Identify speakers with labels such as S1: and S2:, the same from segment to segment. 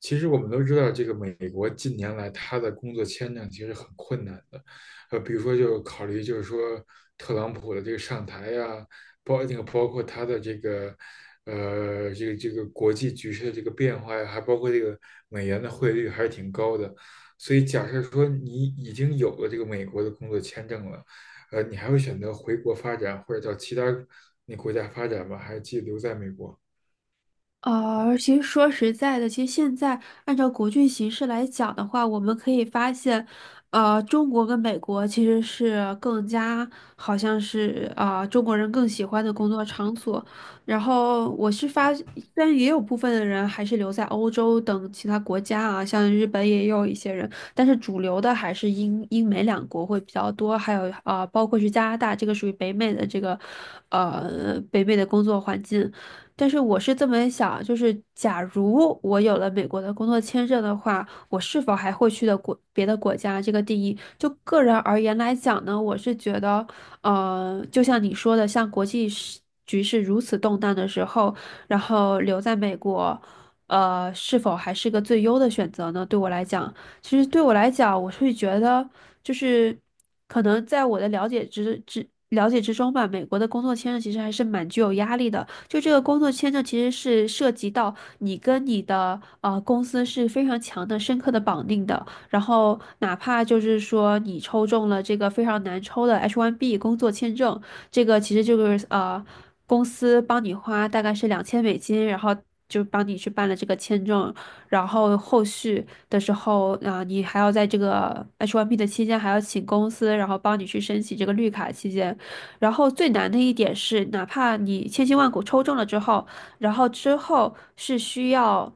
S1: 其实我们都知道，这个美国近年来它的工作签证其实很困难的，比如说就考虑就是说特朗普的这个上台呀、包那个包括他的这个国际局势的这个变化呀，还包括这个美元的汇率还是挺高的，所以假设说你已经有了这个美国的工作签证了，你还会选择回国发展或者到其他那国家发展吗？还是继续留在美国？
S2: 啊，其实说实在的，其实现在按照国际形势来讲的话，我们可以发现，中国跟美国其实是更加好像是啊，中国人更喜欢的工作场所。然后我是发，虽然也有部分的人还是留在欧洲等其他国家啊，像日本也有一些人，但是主流的还是英美两国会比较多，还有、包括是加拿大，这个属于北美的这个北美的工作环境。但是我是这么想，就是假如我有了美国的工作签证的话，我是否还会去的国别的国家？这个定义，就个人而言来讲呢，我是觉得，就像你说的，像国际时局势如此动荡的时候，然后留在美国，是否还是个最优的选择呢？对我来讲，其实对我来讲，我会觉得就是可能在我的了解之中吧，美国的工作签证其实还是蛮具有压力的。就这个工作签证其实是涉及到你跟你的公司是非常强的、深刻的绑定的。然后哪怕就是说你抽中了这个非常难抽的 H1B 工作签证，这个其实就是公司帮你花大概是2000美金，然后就帮你去办了这个签证，然后后续的时候，啊，你还要在这个 H1B 的期间还要请公司，然后帮你去申请这个绿卡期间。然后最难的一点是，哪怕你千辛万苦抽中了之后，然后之后是需要，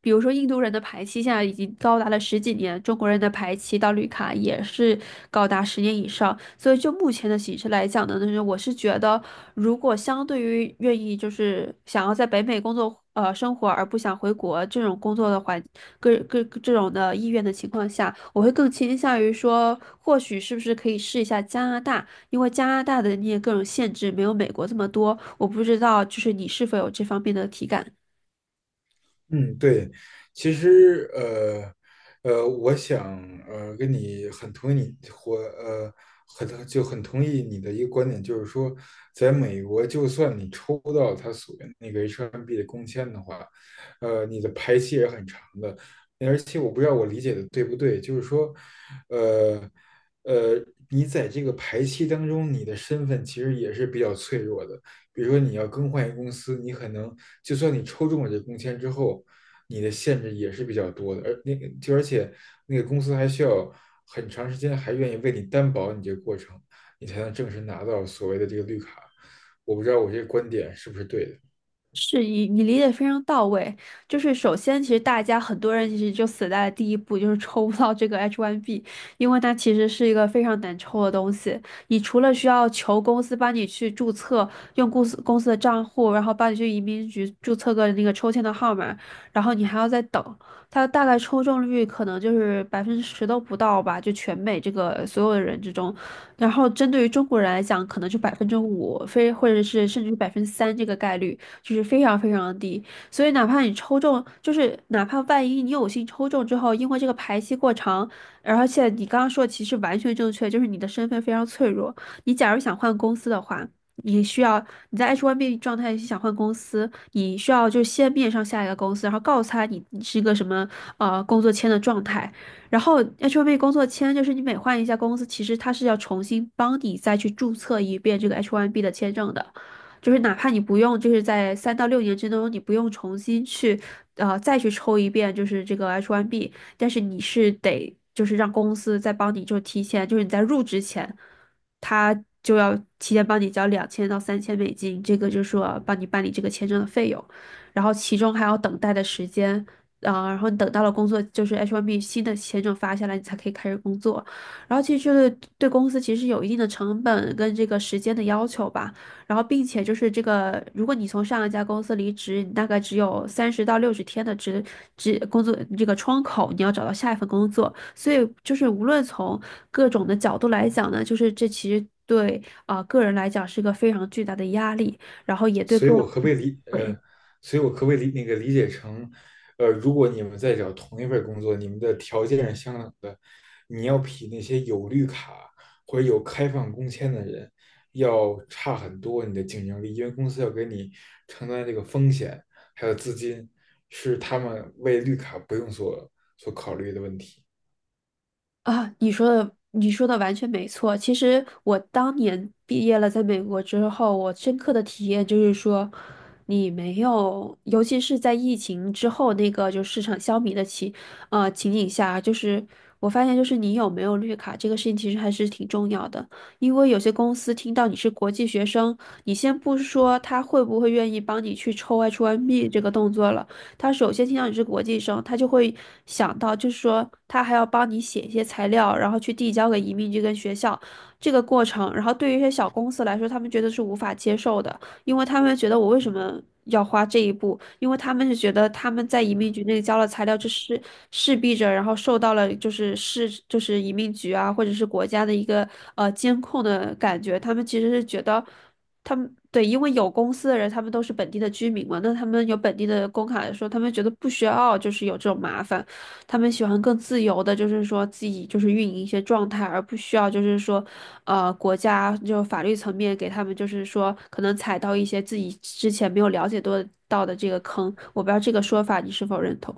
S2: 比如说印度人的排期现在已经高达了十几年，中国人的排期到绿卡也是高达10年以上。所以就目前的形势来讲呢，就是我是觉得，如果相对于愿意就是想要在北美工作生活而不想回国这种工作的环各各这种的意愿的情况下，我会更倾向于说，或许是不是可以试一下加拿大。因为加拿大的那些各种限制没有美国这么多，我不知道就是你是否有这方面的体感。
S1: 嗯，对，其实我想跟你很同意你或很就很同意你的一个观点，就是说，在美国，就算你抽到他所谓那个 H1B 的工签的话，你的排期也很长的，而且我不知道我理解的对不对，就是说，呃呃，你在这个排期当中，你的身份其实也是比较脆弱的。比如说你要更换一个公司，你可能就算你抽中了这工签之后，你的限制也是比较多的，而且那个公司还需要很长时间，还愿意为你担保你这个过程，你才能正式拿到所谓的这个绿卡。我不知道我这个观点是不是对的。
S2: 是你你理解非常到位，就是首先，其实大家很多人其实就死在了第一步，就是抽不到这个 H1B,因为它其实是一个非常难抽的东西。你除了需要求公司帮你去注册，用公司的账户，然后帮你去移民局注册个那个抽签的号码，然后你还要再等。它大概抽中率可能就是10%都不到吧，就全美这个所有的人之中，然后针对于中国人来讲，可能就5%，非或者是甚至3%这个概率。就是非常非常的低。所以哪怕你抽中，就是哪怕万一你有幸抽中之后，因为这个排期过长，而且你刚刚说的其实完全正确，就是你的身份非常脆弱。你假如想换公司的话，你需要你在 H1B 状态想换公司，你需要就先面上下一个公司，然后告诉他你你是一个什么工作签的状态。然后 H1B 工作签就是你每换一家公司，其实它是要重新帮你再去注册一遍这个 H1B 的签证的。就是哪怕你不用，就是在3到6年之中，你不用重新去，再去抽一遍，就是这个 H1B,但是你是得就是让公司再帮你，就提前，就是你在入职前，他就要提前帮你交2000到3000美金，这个就是说帮你办理这个签证的费用，然后其中还要等待的时间。然后你等到了工作，就是 H1B 新的签证发下来，你才可以开始工作。然后其实对公司其实有一定的成本跟这个时间的要求吧。然后并且就是这个，如果你从上一家公司离职，你大概只有30到60天的工作这个窗口，你要找到下一份工作。所以就是无论从各种的角度来讲呢，就是这其实对个人来讲是个非常巨大的压力，然后也对
S1: 所以
S2: 个
S1: 我可不
S2: 人
S1: 可以理
S2: 对。
S1: 呃，所以我可不可以理那个理解成，如果你们在找同一份工作，你们的条件是相等的，你要比那些有绿卡或者有开放工签的人要差很多你的竞争力，因为公司要给你承担这个风险，还有资金，是他们为绿卡不用所考虑的问题。
S2: 啊，你说的完全没错。其实我当年毕业了，在美国之后，我深刻的体验就是说，你没有，尤其是在疫情之后那个就市场消弭的情景下，就是我发现就是你有没有绿卡这个事情其实还是挺重要的，因为有些公司听到你是国际学生，你先不说他会不会愿意帮你去抽 H1B 这个动作了。他首先听到你是国际生，他就会想到，就是说他还要帮你写一些材料，然后去递交给移民局跟学校这个过程。然后对于一些小公司来说，他们觉得是无法接受的，因为他们觉得我为什么要花这一步？因为他们是觉得他们在移民局那里交了材料，这是势必着，然后受到了就是移民局啊，或者是国家的一个监控的感觉。他们其实是觉得。他们对，因为有公司的人，他们都是本地的居民嘛，那他们有本地的工卡来说，他们觉得不需要就是有这种麻烦，他们喜欢更自由的，就是说自己就是运营一些状态，而不需要就是说，国家就法律层面给他们就是说可能踩到一些自己之前没有了解多到的这个坑，我不知道这个说法你是否认同。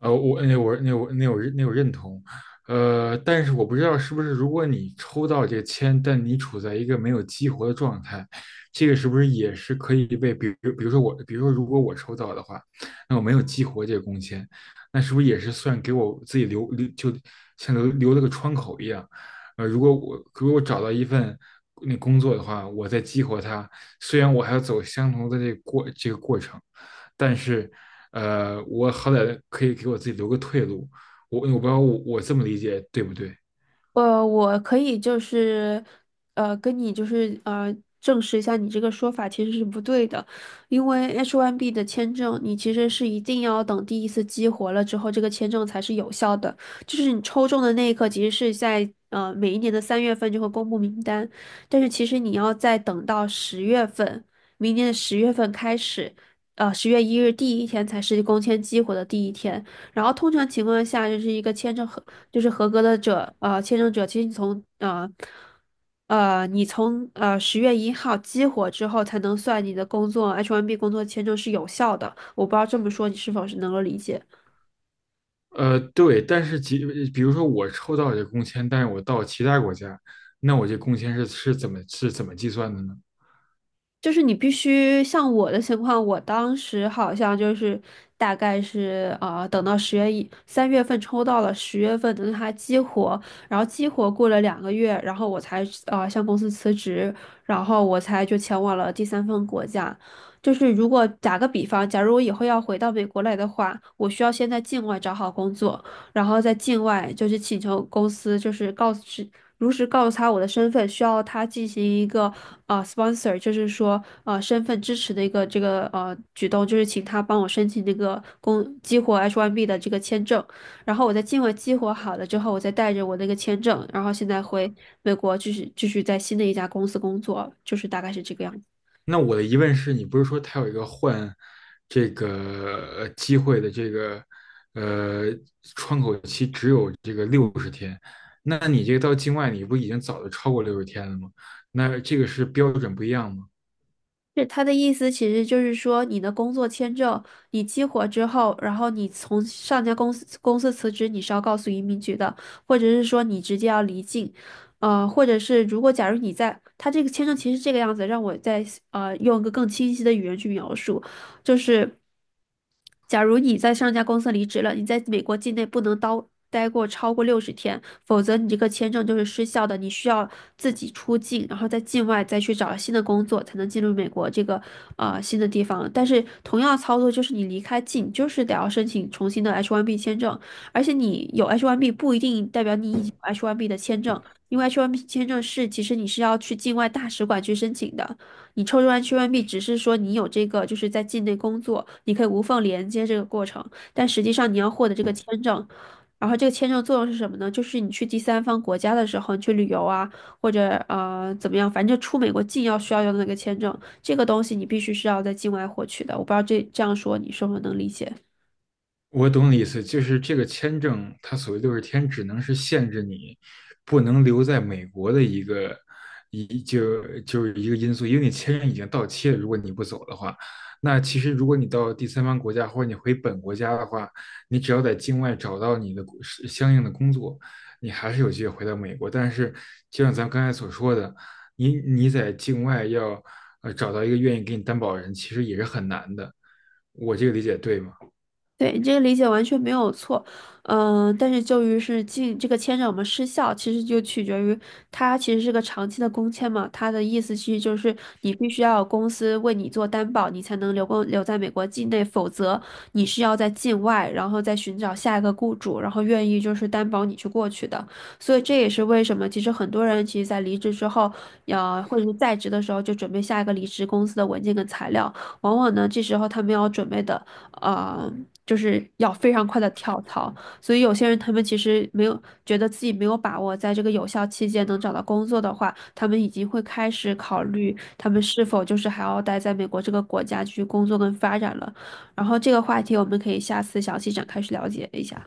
S1: 我认同，但是我不知道是不是如果你抽到这个签，但你处在一个没有激活的状态，这个是不是也是可以被，比如说如果我抽到的话，那我没有激活这个工签，那是不是也是算给我自己留就像留了个窗口一样？如果我找到一份工作的话，我再激活它，虽然我还要走相同的这个过程，但是。我好歹可以给我自己留个退路。我不知道我这么理解对不对？
S2: 我可以就是，跟你证实一下你这个说法其实是不对的，因为 H1B 的签证，你其实是一定要等第一次激活了之后，这个签证才是有效的。就是你抽中的那一刻，其实是在每一年的三月份就会公布名单，但是其实你要再等到十月份，明年的十月份开始，10月1日第一天才是工签激活的第一天。然后通常情况下，就是一个签证合，就是合格的者，签证者，其实你从10月1号激活之后，才能算你的工作 H1B 工作签证是有效的。我不知道这么说你是否是能够理解。
S1: 对，但是比如说我抽到这工签，但是我到其他国家，那我这工签是是怎么是怎么计算的呢？
S2: 就是你必须像我的情况，我当时好像就是大概是啊，等到十月一三月份抽到了，十月份等它激活，然后激活过了2个月，然后我才啊向公司辞职，然后我才就前往了第三份国家。就是如果打个比方，假如我以后要回到美国来的话，我需要先在境外找好工作，然后在境外就是请求公司就是告知如实告诉他我的身份，需要他进行一个sponsor,就是说身份支持的一个这个举动，就是请他帮我申请这个激活 H1B 的这个签证，然后我在境外激活好了之后，我再带着我那个签证，然后现在回美国继续在新的一家公司工作，就是大概是这个样子。
S1: 那我的疑问是，你不是说它有一个换这个机会的呃，那你这个到境外你不已经早就超过六十天了吗？那这个是标准不一样吗？
S2: 是他的意思，其实就是说，你的工作签证你激活之后，然后你从上家公司辞职，你是要告诉移民局的，或者是说你直接要离境，或者是如果假如你在他这个签证其实是这个样子，让我再用一个更清晰的语言去描述，就是假如你在上家公司离职了，你在美国境内不能待超过六十天，否则你这个签证就是失效的，你需要自己出境，然后在境外再去找新的工作，才能进入美国这个新的地方。但是同样操作就是你离开境，就是得要申请重新的 H1B 签证，而且你有 H1B 不一定代表你已经有 H1B 的签证，因为 H1B 签证是其实你是要去境外大使馆去申请的。你抽完 h 外 b 只是说你有这个，就是在境内工作，你可以无缝连接这个过程，但实际上你要获得这个签证，然后这个签证作用是什么呢？就是你去第三方国家的时候，你去旅游啊，或者怎么样，反正就出美国境要需要用的那个签证，这个东西你必须是要在境外获取的。我不知道这这样说你是否能理解。
S1: 我懂你意思，就是这个签证，它所谓的六十天，只能是限制你不能留在美国的一个一就就是一个因素，因为你签证已经到期了，如果你不走的话，那其实如果你到第三方国家或者你回本国家的话，你只要在境外找到你的工是相应的工作，你还是有机会回到美国。但是就像咱们刚才所说的，你在境外要找到一个愿意给你担保人，其实也是很难的。我这个理解对吗？
S2: 对，你这个理解完全没有错，但是就于是进这个签证失效，其实就取决于它其实是个长期的工签嘛，它的意思其实就是你必须要有公司为你做担保，你才能留在美国境内，否则你是要在境外，然后再寻找下一个雇主，然后愿意就是担保你去过去的。所以这也是为什么其实很多人其实在离职之后，或者是在职的时候就准备下一个离职公司的文件跟材料，往往呢这时候他们要准备的。呃，就是要非常快的跳槽。所以有些人他们其实没有觉得自己没有把握在这个有效期间能找到工作的话，他们已经会开始考虑他们是否就是还要待在美国这个国家去工作跟发展了。然后这个话题我们可以下次详细展开去了解一下。